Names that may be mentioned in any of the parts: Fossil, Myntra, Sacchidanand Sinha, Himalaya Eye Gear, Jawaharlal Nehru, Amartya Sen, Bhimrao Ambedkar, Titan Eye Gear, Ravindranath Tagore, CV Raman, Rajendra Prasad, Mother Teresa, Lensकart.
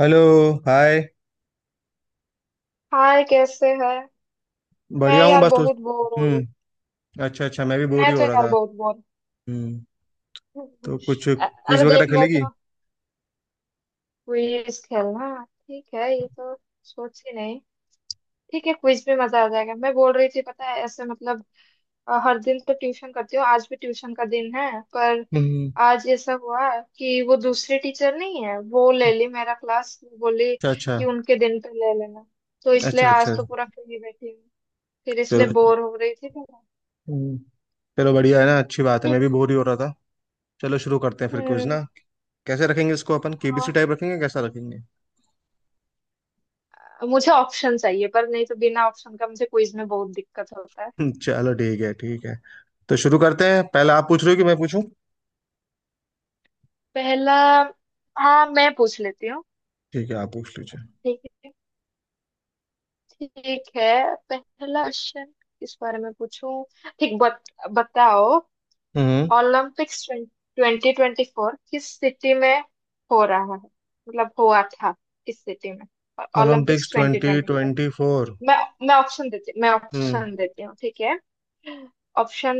Hello. Hi. Hi, कैसे है? मैं बढ़िया हूँ यार बस उस। बहुत बोर हो रही। हम्म। अच्छा, अच्छा, मैं भी बोर मैं ही तो हो रहा यार था। बहुत बोर। हम्म। तो कुछ अ- क्विज अरे वगैरह देखना खेलेगी? तो। क्विज खेलना ठीक है ये तो। सोच ही नहीं। ठीक है, क्विज में मजा आ जाएगा। मैं बोल रही थी पता है ऐसे मतलब हर दिन तो ट्यूशन करती हूँ, आज भी ट्यूशन का दिन है, पर हम्म। आज ऐसा हुआ कि वो दूसरी टीचर नहीं है, वो ले ली मेरा क्लास, वो बोली अच्छा, अच्छा, कि उनके दिन पे ले लेना, तो इसलिए अच्छा, आज अच्छा। तो पूरा फ्री बैठी हूँ। फिर इसलिए चलो। बोर हो रही थी मैं। हम्म, चलो बढ़िया है ना, अच्छी बात है, मैं ठीक। भी बोर ही हो रहा था। चलो, शुरू करते हैं फिर क्विज हम्म। ना। कैसे रखेंगे इसको? अपन केबीसी हाँ। टाइप रखेंगे? कैसा रखेंगे? मुझे ऑप्शन चाहिए, पर नहीं तो बिना ऑप्शन का मुझे क्विज में बहुत दिक्कत होता है। चलो ठीक है, ठीक है। तो शुरू करते हैं, पहले आप पूछ रहे हो कि मैं पूछूं? पहला। हाँ मैं पूछ लेती हूँ। ठीक है, आप पूछ लीजिए। ठीक है। ठीक है। पहला क्वेश्चन। किस बारे में पूछूं? ठीक बताओ। हम्म। ओलंपिक्स ट्वेंटी ट्वेंटी फोर किस सिटी में हो रहा है, मतलब हुआ था, किस सिटी में? और Olympics Olympics twenty twenty twenty four. Twenty four. मैं मैं हम्म, ऑप्शन देती हूँ, ठीक है? ऑप्शन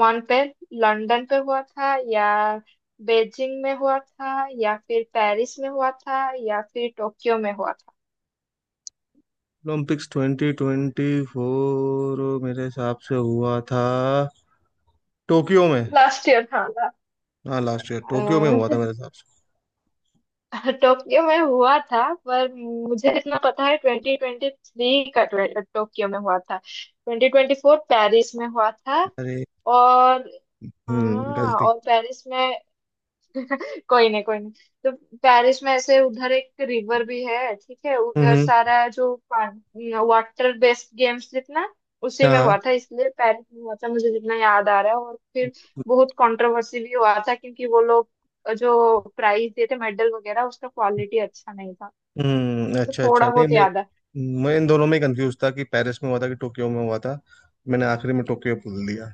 वन पे, लंदन पे हुआ था या बेजिंग में हुआ था या फिर पेरिस में हुआ था या फिर टोक्यो में हुआ था? ओलंपिक्स ट्वेंटी ट्वेंटी फोर मेरे हिसाब से हुआ था टोक्यो में। लास्ट ईयर था ना? हाँ, लास्ट ईयर अ, टोक्यो में हुआ था मेरे हिसाब से। टोक्यो में हुआ था पर मुझे इतना पता है 2023 का, टोक्यो में हुआ था, 2024 पेरिस में हुआ था। अरे। और हम्म, हाँ, गलती। और पेरिस में। कोई नहीं, कोई नहीं। तो पेरिस में ऐसे उधर एक रिवर भी है, ठीक है, हम्म, उधर सारा जो वाटर बेस्ड गेम्स जितना उसी हाँ, में हुआ हाँ। था, इसलिए पेरिस में हुआ था मुझे जितना याद आ रहा है। और फिर बहुत कंट्रोवर्सी भी हुआ था क्योंकि वो लोग जो प्राइज देते थे, मेडल वगैरह, उसका क्वालिटी अच्छा नहीं था। हम्म, मुझे अच्छा, अच्छा। थोड़ा नहीं, बहुत मैं याद है। मैं इन दोनों में कंफ्यूज था कि पेरिस में हुआ था कि टोक्यो में हुआ था। मैंने आखिरी में टोक्यो बोल दिया।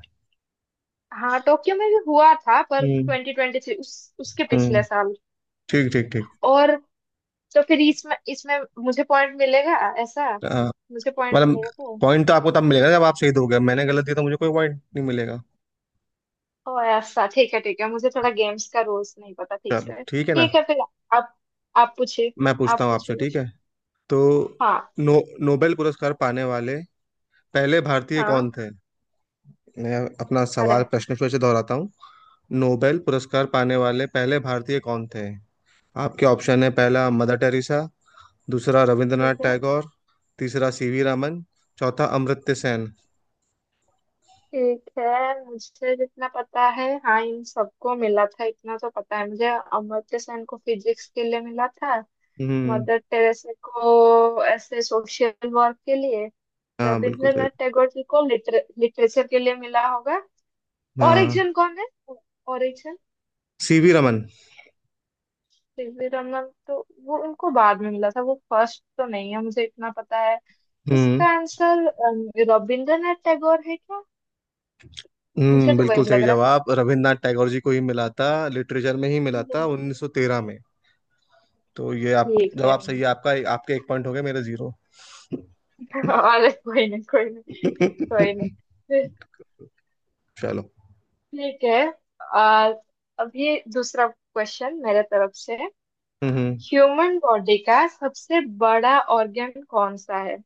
हाँ टोक्यो में भी हुआ था पर हम्म। ट्वेंटी ट्वेंटी थ्री, उस उसके पिछले हम्म। साल। ठीक, ठीक, ठीक। और तो फिर इसमें इसमें मुझे पॉइंट मिलेगा ऐसा? हाँ, मुझे पॉइंट मतलब मिलेगा तो? पॉइंट तो आपको तब मिलेगा जब आप सही दोगे। मैंने गलत दिया तो मुझे कोई पॉइंट नहीं मिलेगा। ओ ऐसा? ठीक है, ठीक है, मुझे थोड़ा गेम्स का रूल्स नहीं पता ठीक चलो, से। ठीक है ना। ठीक है फिर। आप आप पूछिए। मैं आप पूछता हूँ आपसे, पूछिए ठीक कुछ। है। तो हाँ नो, नोबेल पुरस्कार पाने वाले पहले भारतीय हाँ। कौन थे? मैं अपना अरे। सवाल, प्रश्न फिर से दोहराता हूँ। नोबेल पुरस्कार पाने वाले पहले भारतीय कौन थे? आपके ऑप्शन है: पहला मदर टेरेसा, दूसरा रविंद्रनाथ ठीक है, टैगोर, तीसरा सीवी रमन, चौथा अमर्त्य सेन। ठीक है। मुझे जितना पता है, हाँ, इन सबको मिला था इतना तो पता है। मुझे अमर्त्य सेन को फिजिक्स के लिए मिला था। हम्म। मदर टेरेसा को ऐसे सोशल वर्क के लिए। हाँ, बिल्कुल सही। रविंद्रनाथ टैगोर जी को लिटरेचर के लिए मिला होगा। और एक हाँ, जन कौन है? और। सीवी रमन। सीवी रमन तो वो उनको बाद में मिला था, वो फर्स्ट तो नहीं है मुझे इतना पता है। हम्म। इसका आंसर रविंद्रनाथ टैगोर है क्या? मुझे हम्म, तो वही बिल्कुल लग सही रहा है। जवाब। रविंद्रनाथ टैगोर जी को ही मिला था, लिटरेचर में ही मिला था, हम्म। 1913 में। तो ये आप, ठीक है। जवाब सही है आपका, आपके एक पॉइंट हो गए, मेरे जीरो। अरे कोई नहीं, कोई नहीं, कोई नहीं। फिर चलो। ठीक है। आ, अभी दूसरा क्वेश्चन मेरे तरफ से। हम्म। ह्यूमन बॉडी का सबसे बड़ा ऑर्गन कौन सा है?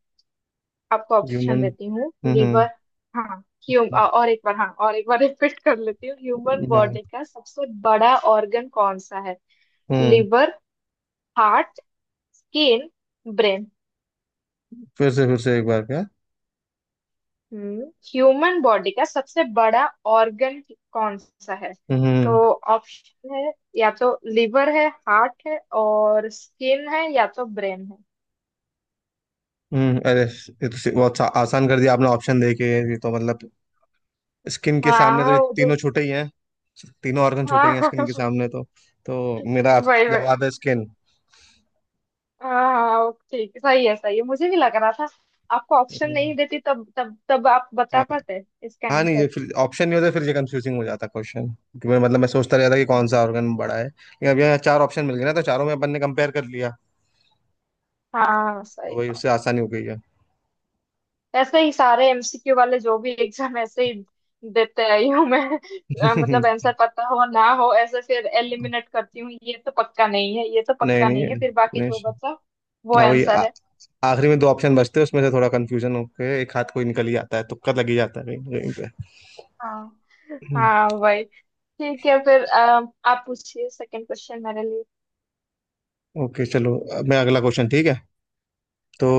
आपको ऑप्शन ह्यूमन। देती हूँ, हम्म, लिवर। हाँ। ह्यूम और एक बार, हाँ, और एक बार रिपीट कर लेती हूँ, ह्यूमन हाँ, बॉडी का सबसे बड़ा ऑर्गन कौन सा है? हम्म। Liver, heart, skin, brain. फिर से एक बार, क्या? हम्म। ह्यूमन बॉडी का सबसे बड़ा ऑर्गन कौन सा है? तो हम्म। ऑप्शन है, या तो लिवर है, हार्ट है और स्किन है, या तो ब्रेन है। हम्म। अरे, ये तो बहुत आसान कर दिया आपने ऑप्शन देके। ये तो मतलब स्किन के हाँ। सामने तो हाँ ये तीनों छूटे ही हैं। तीनों ऑर्गन छूटे ही हैं हाँ स्किन के सामने तो। तो मेरा वही, वही। जवाब है स्किन। हाँ हाँ, ठीक है, सही है, सही है, मुझे भी लग रहा था। आपको ऑप्शन नहीं देती तब तब तब आप बता हाँ, पाते इसका हाँ, नहीं, आंसर? ये फिर ऑप्शन नहीं होता, फिर ये कंफ्यूजिंग हो जाता क्वेश्चन, क्योंकि मैं मतलब मैं सोचता रहता कि कौन हाँ सा ऑर्गन बड़ा है, लेकिन अब यहाँ चार ऑप्शन मिल गए ना, तो चारों में अपन ने कंपेयर कर लिया। हाँ, सही तो वही, बात, उससे सही आसानी हो गई है। बात। ऐसे ही सारे एमसीक्यू वाले जो भी एग्जाम ऐसे ही देते आई हूँ मैं। मतलब नहीं, आंसर पता हो ना हो, ऐसे फिर एलिमिनेट करती हूँ, ये तो पक्का नहीं है, ये तो नहीं, पक्का नहीं है, फिर बाकी नहीं। जो बचा वो हाँ, वही, आंसर है। आखिरी में दो ऑप्शन बचते हैं, उसमें से थोड़ा कंफ्यूजन होके एक हाथ कोई निकल ही जाता है, तुक्का लग ही जाता है कहीं कहीं पे। हाँ हम्म, हाँ वही। ठीक है फिर आप पूछिए सेकंड क्वेश्चन मेरे लिए। ओके, चलो, अब मैं अगला क्वेश्चन, ठीक है। तो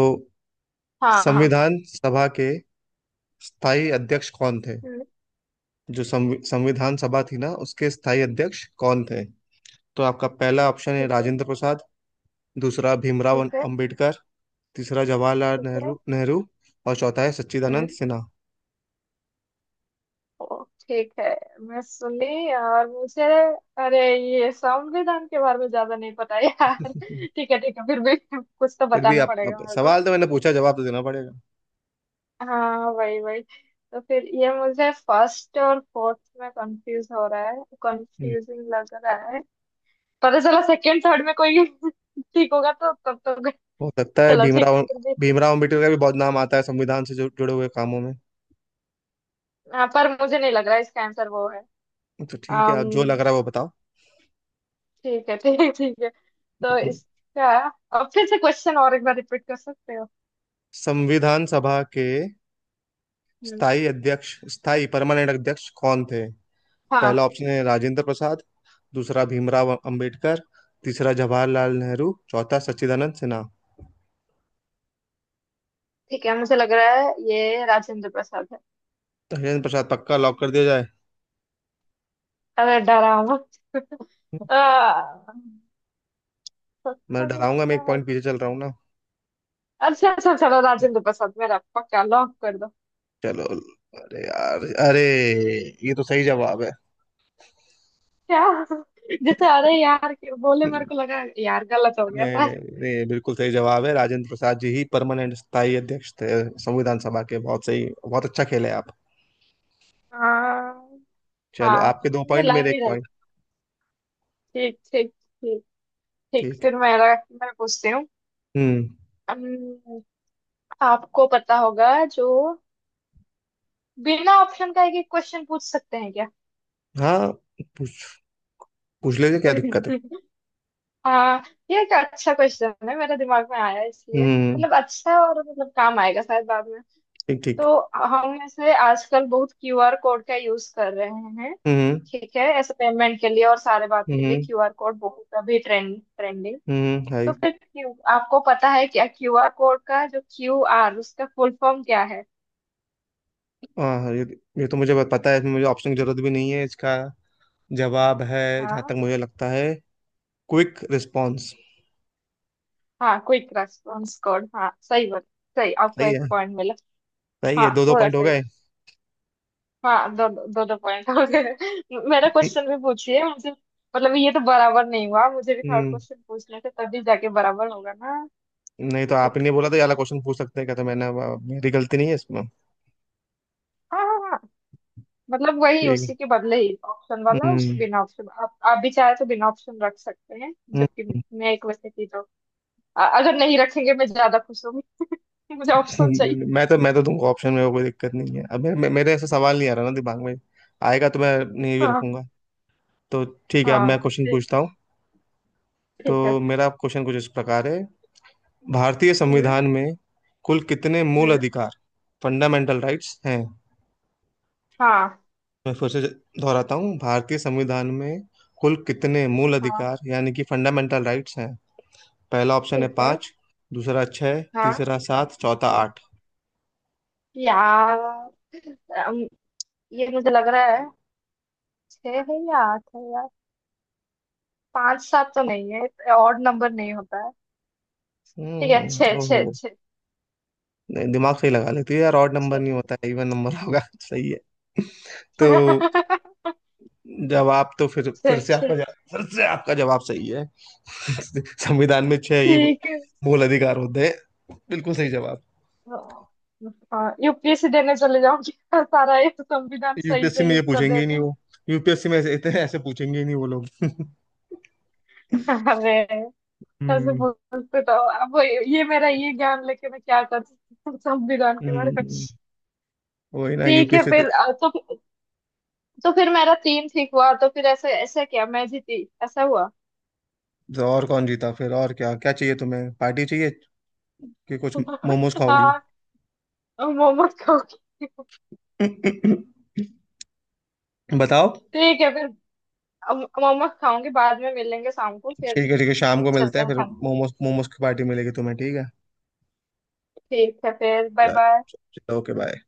हाँ हाँ। संविधान सभा के स्थायी अध्यक्ष कौन थे? हम्म। जो संविधान सभा थी ना, उसके स्थायी अध्यक्ष कौन थे? तो आपका पहला ऑप्शन है ठीक है, राजेंद्र प्रसाद, दूसरा भीमराव ठीक है, अंबेडकर, तीसरा जवाहरलाल ठीक है। नेहरू नेहरू और चौथा है सच्चिदानंद हम्म। सिन्हा। ओ, ठीक है, मैं सुन ली। और मुझे, अरे, ये संविधान के बारे में ज्यादा नहीं पता यार ठीक है, ठीक है, फिर भी कुछ तो फिर भी बताना आप पड़ेगा मेरे को। सवाल तो मैंने पूछा, जवाब तो देना पड़ेगा। हाँ वही वही। तो फिर ये मुझे फर्स्ट और फोर्थ में कंफ्यूज हो रहा है, हम्म, कंफ्यूजिंग लग रहा है। पता चला सेकंड थर्ड में कोई ठीक होगा तो तब तो हो सकता है चलो ठीक भीमराव। फिर भी। भीमराव अंबेडकर का भी बहुत नाम आता है संविधान से जो जुड़े हुए कामों में। हाँ पर मुझे नहीं लग रहा इसका आंसर वो है। तो ठीक है, आप जो लग Um, रहा है वो बताओ। ठीक है, ठीक है, ठीक है। तो हम्म। इसका, अब फिर से क्वेश्चन और एक बार रिपीट कर सकते हो? संविधान सभा के हम्म। स्थायी अध्यक्ष, स्थायी, परमानेंट अध्यक्ष कौन थे? पहला हाँ। ऑप्शन है राजेंद्र प्रसाद, दूसरा भीमराव अंबेडकर, तीसरा जवाहरलाल नेहरू, चौथा सच्चिदानंद सिन्हा। ठीक है, मुझे लग रहा है ये राजेंद्र प्रसाद है। धीरेन्द्र प्रसाद पक्का लॉक कर दिया जाए? अरे डरा मत। आ, मैं सत्ता में डराऊंगा, मैं सुना एक है। पॉइंट पीछे चल रहा हूँ ना। अच्छा अच्छा, चलो, राजेंद्र प्रसाद मेरा पक्का लॉक कर दो। चलो, अरे यार, अरे, ये तो सही जवाब है। क्या? जैसे अरे यार के बोले मेरे को लगा यार गलत हो गया नहीं, नहीं, शायद। नहीं, बिल्कुल सही जवाब है, राजेंद्र प्रसाद जी ही परमानेंट स्थायी अध्यक्ष थे संविधान सभा के। बहुत सही, बहुत अच्छा खेले आप। हाँ चलो, हाँ। आपके दो मुझे पॉइंट, लग मेरे ही एक रहा था। पॉइंट। ठीक, ठीक, ठीक। ठीक ठीक। फिर मेरा, मैं पूछती हम्म, हूँ। आपको पता होगा जो बिना ऑप्शन का एक एक क्वेश्चन पूछ सकते हैं क्या? हाँ, पूछ पूछ लीजिए, क्या दिक्कत है? हाँ। ये एक अच्छा क्वेश्चन है मेरे दिमाग में आया इसलिए, हम्म, मतलब अच्छा, और मतलब काम आएगा शायद बाद में। ठीक, ठीक। तो हम ऐसे आजकल बहुत क्यूआर कोड का यूज कर रहे हैं। हम्म। ठीक है, ऐसे पेमेंट के लिए और सारे बात के लिए हम्म। क्यूआर कोड बहुत अभी ट्रेंड, ट्रेंडिंग। हम्म। तो हाय। फिर क्यू आपको पता है क्या क्यूआर कोड का जो क्यूआर उसका फुल फॉर्म क्या है? हाँ, हाँ, ये तो मुझे पता है, इसमें मुझे ऑप्शन की जरूरत भी नहीं है। इसका जवाब है, जहाँ हाँ। तक मुझे लगता है, क्विक रिस्पॉन्स। हाँ क्विक रेस्पॉन्स कोड, हाँ सही बात। सही। आपको सही एक है, पॉइंट मिला। सही है, हाँ दो दो पूरा पॉइंट हो सही। गए। हाँ, दो दो दो पॉइंट हो गए। मेरा क्वेश्चन भी पूछिए मुझे, मतलब ये तो बराबर नहीं हुआ, मुझे भी थर्ड हम्म, क्वेश्चन पूछने थे तभी जाके बराबर होगा ना। नहीं तो ठीक। आपने नहीं बोला तो ये वाला क्वेश्चन पूछ सकते हैं क्या, तो मैंने मेरी गलती नहीं है इसमें। हाँ हाँ हाँ। मतलब वही ठीक उसी है। के बदले ही ऑप्शन वाला उस हम्म। बिना ऑप्शन आप भी चाहे तो बिना ऑप्शन रख सकते हैं, जबकि हम्म। मैं एक वैसे थी तो अगर नहीं रखेंगे मैं ज्यादा खुश होंगी। मुझे ऑप्शन चाहिए। मैं तो दूंगा ऑप्शन में, वो कोई दिक्कत नहीं है। अब मेरे ऐसा सवाल नहीं आ रहा ना दिमाग में। आएगा तो मैं नहीं भी हाँ रखूंगा। तो ठीक है, अब हाँ। मैं क्वेश्चन ठीक। पूछता हूँ। तो ठीक है। मेरा क्वेश्चन कुछ इस प्रकार है। भारतीय हम्म संविधान में कुल कितने मूल हम्म। अधिकार, फंडामेंटल राइट्स हैं? हाँ मैं फिर से दोहराता हूँ, भारतीय संविधान में कुल कितने मूल हाँ। अधिकार यानी कि फंडामेंटल राइट्स हैं? पहला ऑप्शन है ठीक है। पाँच, दूसरा छः, हाँ। तीसरा सात, चौथा हम्म, आठ। यार अम, ये मुझे लग रहा है छह है या आठ है यार। पांच सात तो नहीं है, ऑड नंबर नहीं होता है। ठीक है, छह हम्म, छह ओहो। छह, नहीं, दिमाग सही लगा लेती है यार, ऑड नंबर छह नहीं होता है, इवन नंबर होगा। सही है। तो जवाब तो फिर छह फिर से छह आपका जवाब, फिर से आपका जवाब सही है। संविधान में छह ही ठीक है। मूल अधिकार होते हैं, बिल्कुल सही जवाब। हाँ यूपीएससी देने चले जाऊंगी सारा ये संविधान सही यूपीएससी सही में ये उत्तर पूछेंगे दे ही रही नहीं हूँ। वो। यूपीएससी में ऐसे इतने ऐसे पूछेंगे ही नहीं वो लोग। अरे। ऐसे हम्म। बोलते तो, अब ये मेरा ये ज्ञान लेके मैं क्या कर सकती हूँ संविधान के बारे में। हम्म, वही ना, ठीक है यूपीएससी तो। फिर तुम। तो फिर मेरा तीन ठीक हुआ, तो फिर ऐसा ऐसा क्या, मैं जीती, ऐसा हुआ? तो और कौन जीता फिर? और क्या क्या चाहिए तुम्हें? पार्टी चाहिए कि कुछ? मोमोज खाओगी? हाँ। अब मोमोज खाओगी। बताओ। ठीक है फिर, अब मोमोज खाऊंगी, बाद में मिलेंगे शाम को फिर। ठीक है, ठीक है, शाम को मिलते चलते हैं हैं फिर, खाने। मोमोज मोमोज की पार्टी मिलेगी तुम्हें, ठीक है। ठीक है फिर। Bye bye. चलो, ओके, बाय।